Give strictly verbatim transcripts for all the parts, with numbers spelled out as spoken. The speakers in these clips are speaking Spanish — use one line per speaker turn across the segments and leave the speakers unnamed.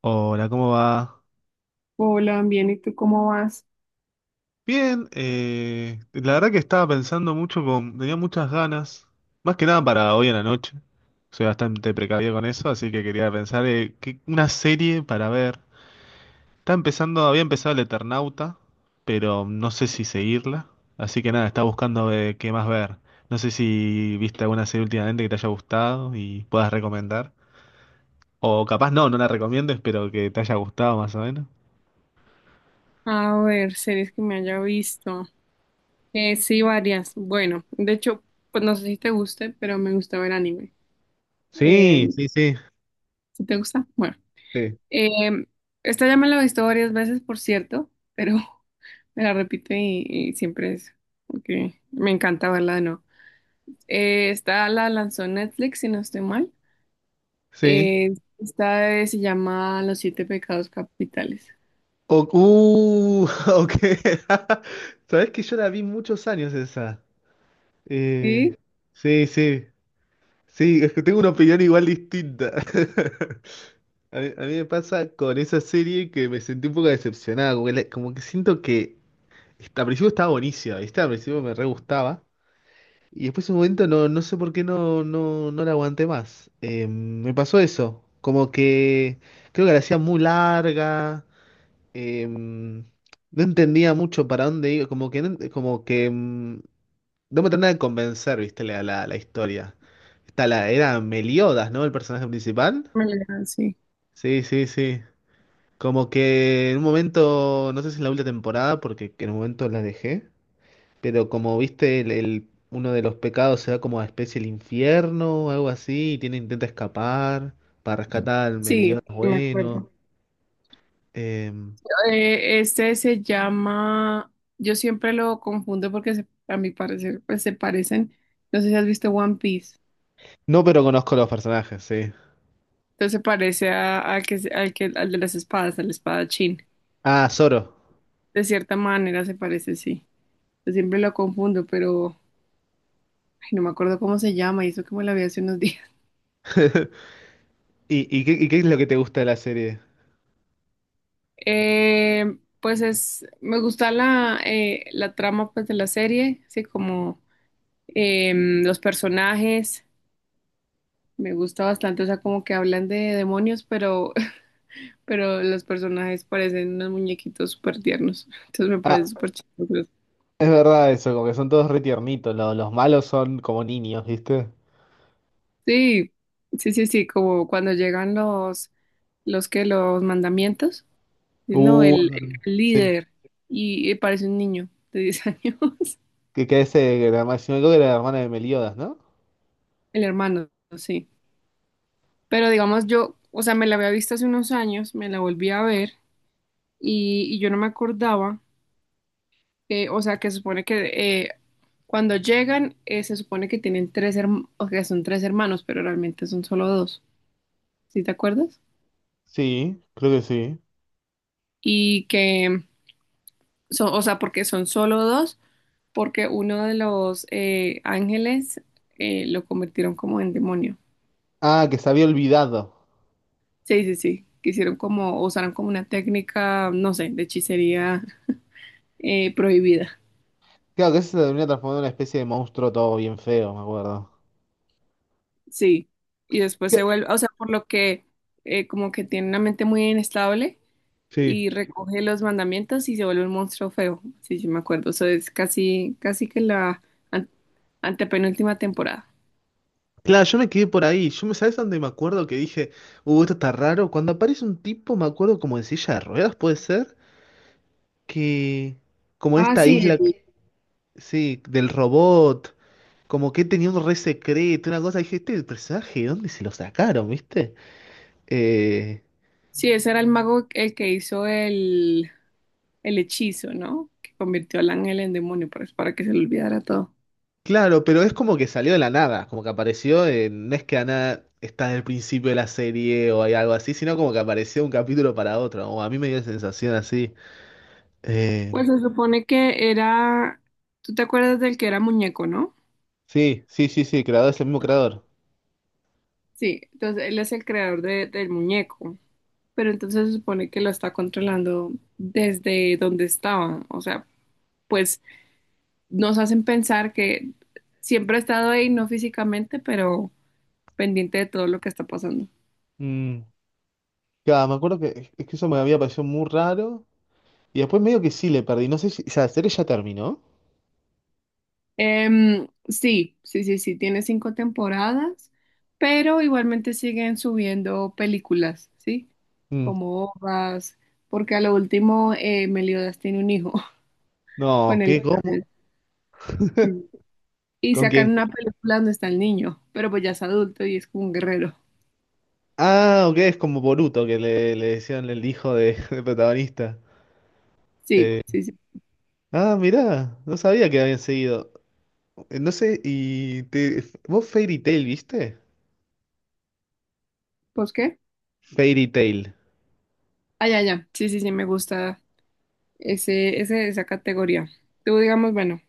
Hola, ¿cómo va?
Hola, bien, ¿y tú cómo vas?
Bien, eh, la verdad que estaba pensando mucho con, tenía muchas ganas, más que nada para hoy en la noche. Soy bastante precavido con eso, así que quería pensar eh, qué- una serie para ver. Está empezando, había empezado El Eternauta, pero no sé si seguirla, así que nada, estaba buscando eh, qué más ver. No sé si viste alguna serie últimamente que te haya gustado y puedas recomendar, o capaz no, no la recomiendes, pero que te haya gustado más o menos.
A ver, series que me haya visto. Eh, sí, varias. Bueno, de hecho, pues no sé si te guste, pero me gusta ver anime. Eh,
Sí, sí, sí,
¿Si te gusta? Bueno.
sí,
Eh, Esta ya me la he visto varias veces, por cierto, pero me la repito y, y siempre es porque me encanta verla de nuevo. Eh, esta la lanzó Netflix, si no estoy mal.
sí.
Eh, esta eh, se llama Los Siete Pecados Capitales.
O- uh, ok. Sabes que yo la vi muchos años esa.
Sí,
Eh, sí, sí. Sí, es que tengo una opinión igual distinta. A mí, a mí me pasa con esa serie que me sentí un poco decepcionado. Como que, la- como que siento que est- al principio estaba buenísima, ¿viste? Al principio me re gustaba. Y después en un momento no, no sé por qué no, no, no la aguanté más. Eh, me pasó eso. Como que creo que la hacía muy larga em, no entendía mucho para dónde iba, como que, no ent- como que mm, no me terminaba de convencer, viste, la, la, la historia. Está la, era Meliodas, ¿no? El personaje principal.
me la- sí.
Sí, sí, sí. Como que en un momento, no sé si en la última temporada, porque en un momento la dejé, pero como viste, el, el- uno de los pecados se va como a especie el infierno o algo así, y tiene, intenta escapar para rescatar al Meliodas
Sí, me acuerdo.
bueno. Em,
Eh, este se llama, yo siempre lo confundo porque se- a mi parecer pues se parecen, no sé si has visto One Piece,
no, pero conozco los personajes, sí.
entonces se parece a, al que, se- al que, al de las espadas, al espadachín,
Ah, Zoro.
de cierta manera se parece, sí, yo siempre lo confundo, pero ay, no me acuerdo cómo se llama y eso que me la vi hace unos días.
¿Y, y qué, y qué es lo que te gusta de la serie?
Eh, pues es, me gusta la, eh, la trama pues de la serie, así como em, los personajes. Me gusta bastante, o sea, como que hablan de demonios, pero pero los personajes parecen unos muñequitos súper tiernos. Entonces me
Ah,
parece súper chistoso.
es verdad eso, como que son todos re tiernitos, lo- los malos son como niños, ¿viste?
Sí, sí, sí, sí, como cuando llegan los, los que, los mandamientos. Sí, no,
Uh,
el, el
sí.
líder, y, y parece un niño de diez años,
Que, que ese, que la herma- si no me equivoco, era la hermana de Meliodas, ¿no?
el hermano, sí. Pero digamos, yo, o sea, me la había visto hace unos años, me la volví a ver, y, y yo no me acordaba, eh, o sea, que se supone que eh, cuando llegan, eh, se supone que tienen tres hermanos, o que son tres hermanos, pero realmente son solo dos. ¿Sí te acuerdas?
Sí, creo que sí.
Y que son, o sea, porque son solo dos, porque uno de los eh, ángeles eh, lo convirtieron como en demonio.
Ah, que se había olvidado.
Sí, sí, sí, que hicieron como, usaron como una técnica, no sé, de hechicería eh, prohibida.
Claro, que ese se termina transformando en una especie de monstruo todo bien feo, me acuerdo.
Sí, y después se
¿Qué?
vuelve, o sea, por lo que eh, como que tiene una mente muy inestable
Sí.
y recoge los mandamientos y se vuelve un monstruo feo, sí, sí me acuerdo. Eso es casi, casi que la an- antepenúltima temporada.
Claro, yo me quedé por ahí. Yo me, ¿sabes dónde me acuerdo que dije, uh, esto está raro? Cuando aparece un tipo, me acuerdo como en silla de ruedas, puede ser, que como en
Ah,
esta
sí.
isla. Sí, del robot, como que tenía un re secreto, una cosa. Dije, este personaje, ¿de dónde se lo sacaron, viste? Eh,
Sí, ese era el mago el que hizo el, el hechizo, ¿no? Que convirtió al ángel en demonio para, para que se le olvidara todo.
claro, pero es como que salió de la nada, como que apareció, en- no es que nada está en el principio de la serie o hay algo así, sino como que apareció un capítulo para otro, o a mí me dio la sensación así. Eh,
Pues se supone que era, tú te acuerdas del que era muñeco, ¿no?
sí, sí, sí, sí, el creador es el mismo creador.
Sí, entonces él es el creador de- del muñeco, pero entonces se supone que lo está controlando desde donde estaba. O sea, pues nos hacen pensar que siempre ha estado ahí, no físicamente, pero pendiente de todo lo que está pasando.
Mm, claro, me acuerdo que, es que eso me había parecido muy raro, y después medio que sí le perdí, no sé si, o sea, la serie ya terminó.
Em, sí, sí, sí, sí, tiene cinco temporadas, pero igualmente siguen subiendo películas, ¿sí?
Mm,
Como Hojas, porque a lo último eh, Meliodas tiene un hijo
no,
con el
¿qué? Bueno, ¿cómo?
sí. Y
¿Con quién?
sacan una película donde está el niño, pero pues ya es adulto y es como un guerrero.
Ah, ok, es como Boruto que le, le decían el hijo de, del protagonista.
Sí, sí, sí.
Ah, mirá, no sabía que habían seguido. Eh, No sé, y te, ¿vos Fairy Tail viste?
¿Pues qué?
Fairy Tail.
Ah, ya, ya. Sí, sí, sí, me gusta ese, ese, esa categoría. Tú digamos, bueno,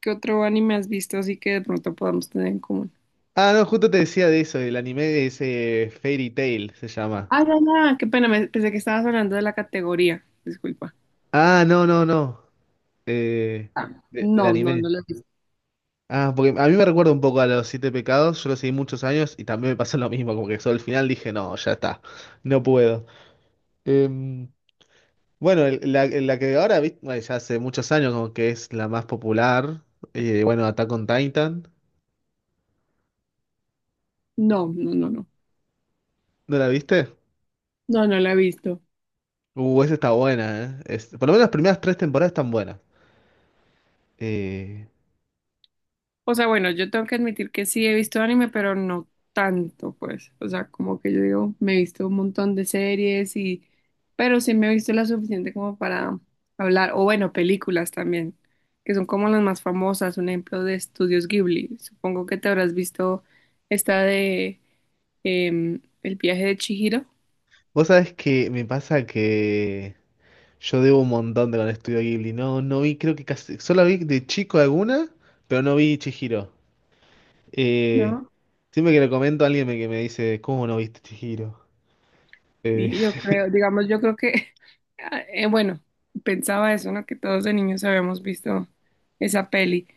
¿qué otro anime has visto así que de pronto podamos tener en común?
Ah, no, justo te decía de eso, el anime de ese Fairy Tail se llama.
Ah, ya, ya, qué pena, me- pensé que estabas hablando de la categoría. Disculpa.
Ah, no, no, no. eh,
Ah,
de- del
no, no no
anime.
la he visto.
Ah, porque a mí me recuerda un poco a los Siete Pecados, yo lo seguí muchos años y también me pasó lo mismo, como que solo al final dije, no, ya está, no puedo. Em, Bueno, el- la, la que ahora, vi- bueno, ya hace muchos años como que es la más popular, eh, bueno, Attack on Titan,
No, no, no, no.
¿no la viste?
No, no la he visto.
Uh, esa está buena, ¿eh? Es- por lo menos las primeras tres temporadas están buenas. Eh,
O sea, bueno, yo tengo que admitir que sí he visto anime, pero no tanto, pues. O sea, como que yo digo, me he visto un montón de series y... Pero sí me he visto la suficiente como para hablar. O bueno, películas también, que son como las más famosas. Un ejemplo de Estudios Ghibli. Supongo que te habrás visto esta de em, El viaje de Chihiro,
vos sabés que me pasa que yo debo un montón de con Estudio Ghibli, no, no vi, creo que casi, solo vi de chico alguna, pero no vi Chihiro. Eh,
¿no?
siempre que le comento a alguien me- que me dice, ¿cómo no viste Chihiro? Eh,
Y yo creo, digamos, yo creo que, ah, eh, bueno, pensaba eso, ¿no? Que todos de niños habíamos visto esa peli.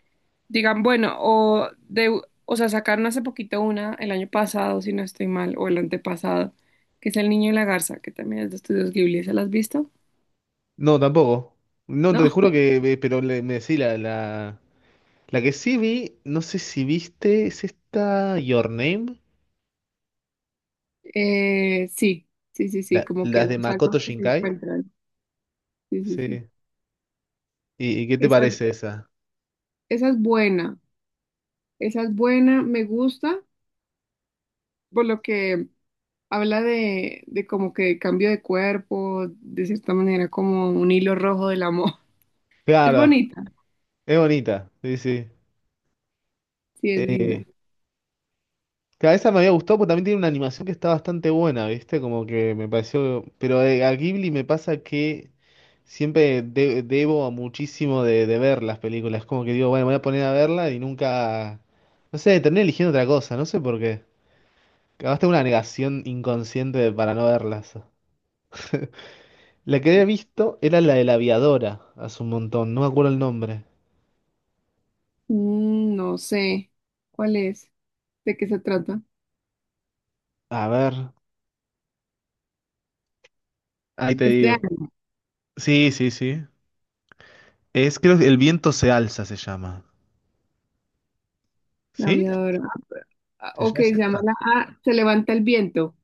Digan, bueno, o de, o sea, sacaron hace poquito una el año pasado, si no estoy mal, o el antepasado, que es El Niño y la Garza, que también es de Estudios Ghibli, ¿se la has visto?
no, tampoco. No,
¿No?
te juro que, me- pero le- me decís la, la- la que sí vi, no sé si viste, es esta Your Name,
Eh, sí, sí, sí, sí,
la-
como que
las de
los
Makoto
almas que se
Shinkai.
encuentran. Sí, sí, sí.
Sí. ¿Y, y qué te
Esa,
parece esa?
esa es buena, esa es buena, me gusta, por lo que Habla de, de como que cambio de cuerpo, de cierta manera como un hilo rojo del amor. Es
Claro,
bonita,
es bonita, sí, sí.
sí, es
Eh,
linda.
claro, esa me había gustado porque también tiene una animación que está bastante buena, ¿viste? Como que me pareció. Pero eh, a Ghibli me pasa que siempre de- debo a muchísimo de, de ver las películas. Como que digo, bueno, me voy a poner a verla y nunca. No sé, terminé eligiendo otra cosa, no sé por qué. Capaz tengo una negación inconsciente de- para no verlas. La que había visto era la de la aviadora, hace un montón, no me acuerdo el nombre.
Mm, no sé cuál es, de qué se trata.
A ver, ahí te
Este de
digo.
Ana,
Sí, sí, sí. Es, creo que El viento se alza se llama.
la
¿Sí?
aviadora. Ah,
¿Se
Ok,
llama- ¿Es
se llama
esta?
la ah, Se levanta el viento.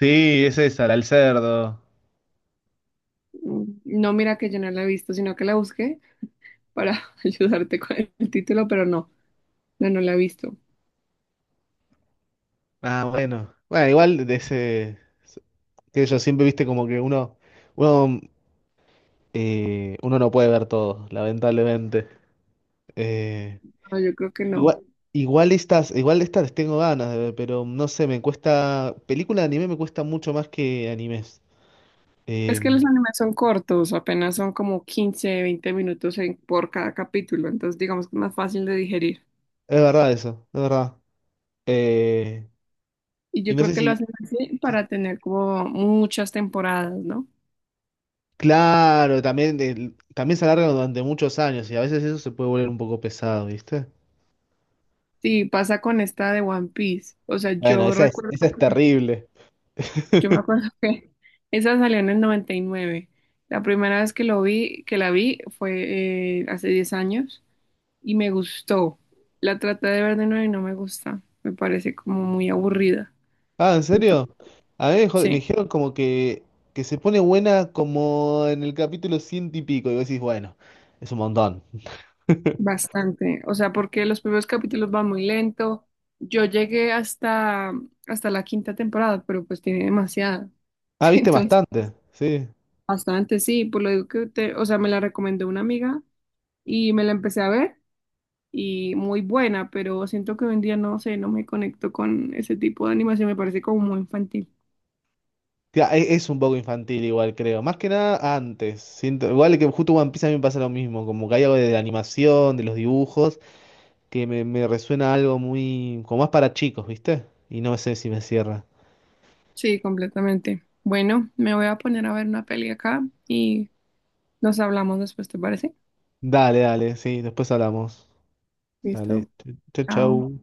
Sí, es esa, la del cerdo.
Mm, no, mira que yo no la he visto, sino que la busqué para ayudarte con el título, pero no, no, no la he visto.
Ah, bueno. Bueno, igual de ese, que yo siempre viste como que uno, uno, eh, uno no puede ver todo, lamentablemente. Eh,
No, yo creo que no.
igual, igual estas, igual estas les tengo ganas de ver, pero no sé, me cuesta, película de anime me cuesta mucho más que animes.
Es que
Em,
los animes son cortos, apenas son como quince, veinte minutos en- por cada capítulo, entonces digamos que es más fácil de digerir.
es verdad eso, es verdad. Eh,
Y
y
yo
no
creo
sé
que lo
si,
hacen así para tener como muchas temporadas, ¿no?
claro, también, el- también se alarga durante muchos años y a veces eso se puede volver un poco pesado, ¿viste?
Sí, pasa con esta de One Piece. O sea,
Bueno,
yo
esa es,
recuerdo
esa es
que,
terrible.
yo me acuerdo que esa salió en el noventa y nueve. La primera vez que lo vi, que la vi fue eh, hace diez años y me gustó. La traté de ver de nuevo y no me gusta. Me parece como muy aburrida.
Ah, ¿en serio?
Entonces,
A mí me, jod- me
sí.
dijeron como que, que se pone buena como en el capítulo ciento y pico, y vos decís, bueno, es un montón.
Bastante, o sea, porque los primeros capítulos van muy lento. Yo llegué hasta, hasta la quinta temporada, pero pues tiene demasiada.
Ah,
Sí,
viste
entonces,
bastante, sí.
bastante, sí, por lo digo que te, o sea, me la recomendó una amiga y me la empecé a ver y muy buena, pero siento que hoy en día no sé, no me conecto con ese tipo de animación, me parece como muy infantil.
Tía, e- Es un poco infantil igual, creo. Más que nada antes. Siento, igual que justo One Piece a mí me pasa lo mismo. Como que hay algo de la animación, de los dibujos, que me, me resuena algo muy, como más para chicos, ¿viste? Y no sé si me cierra.
Sí, completamente. Bueno, me voy a poner a ver una peli acá y nos hablamos después, ¿te parece?
Dale, dale, sí, después hablamos.
Listo,
Dale, chau,
chao.
chau.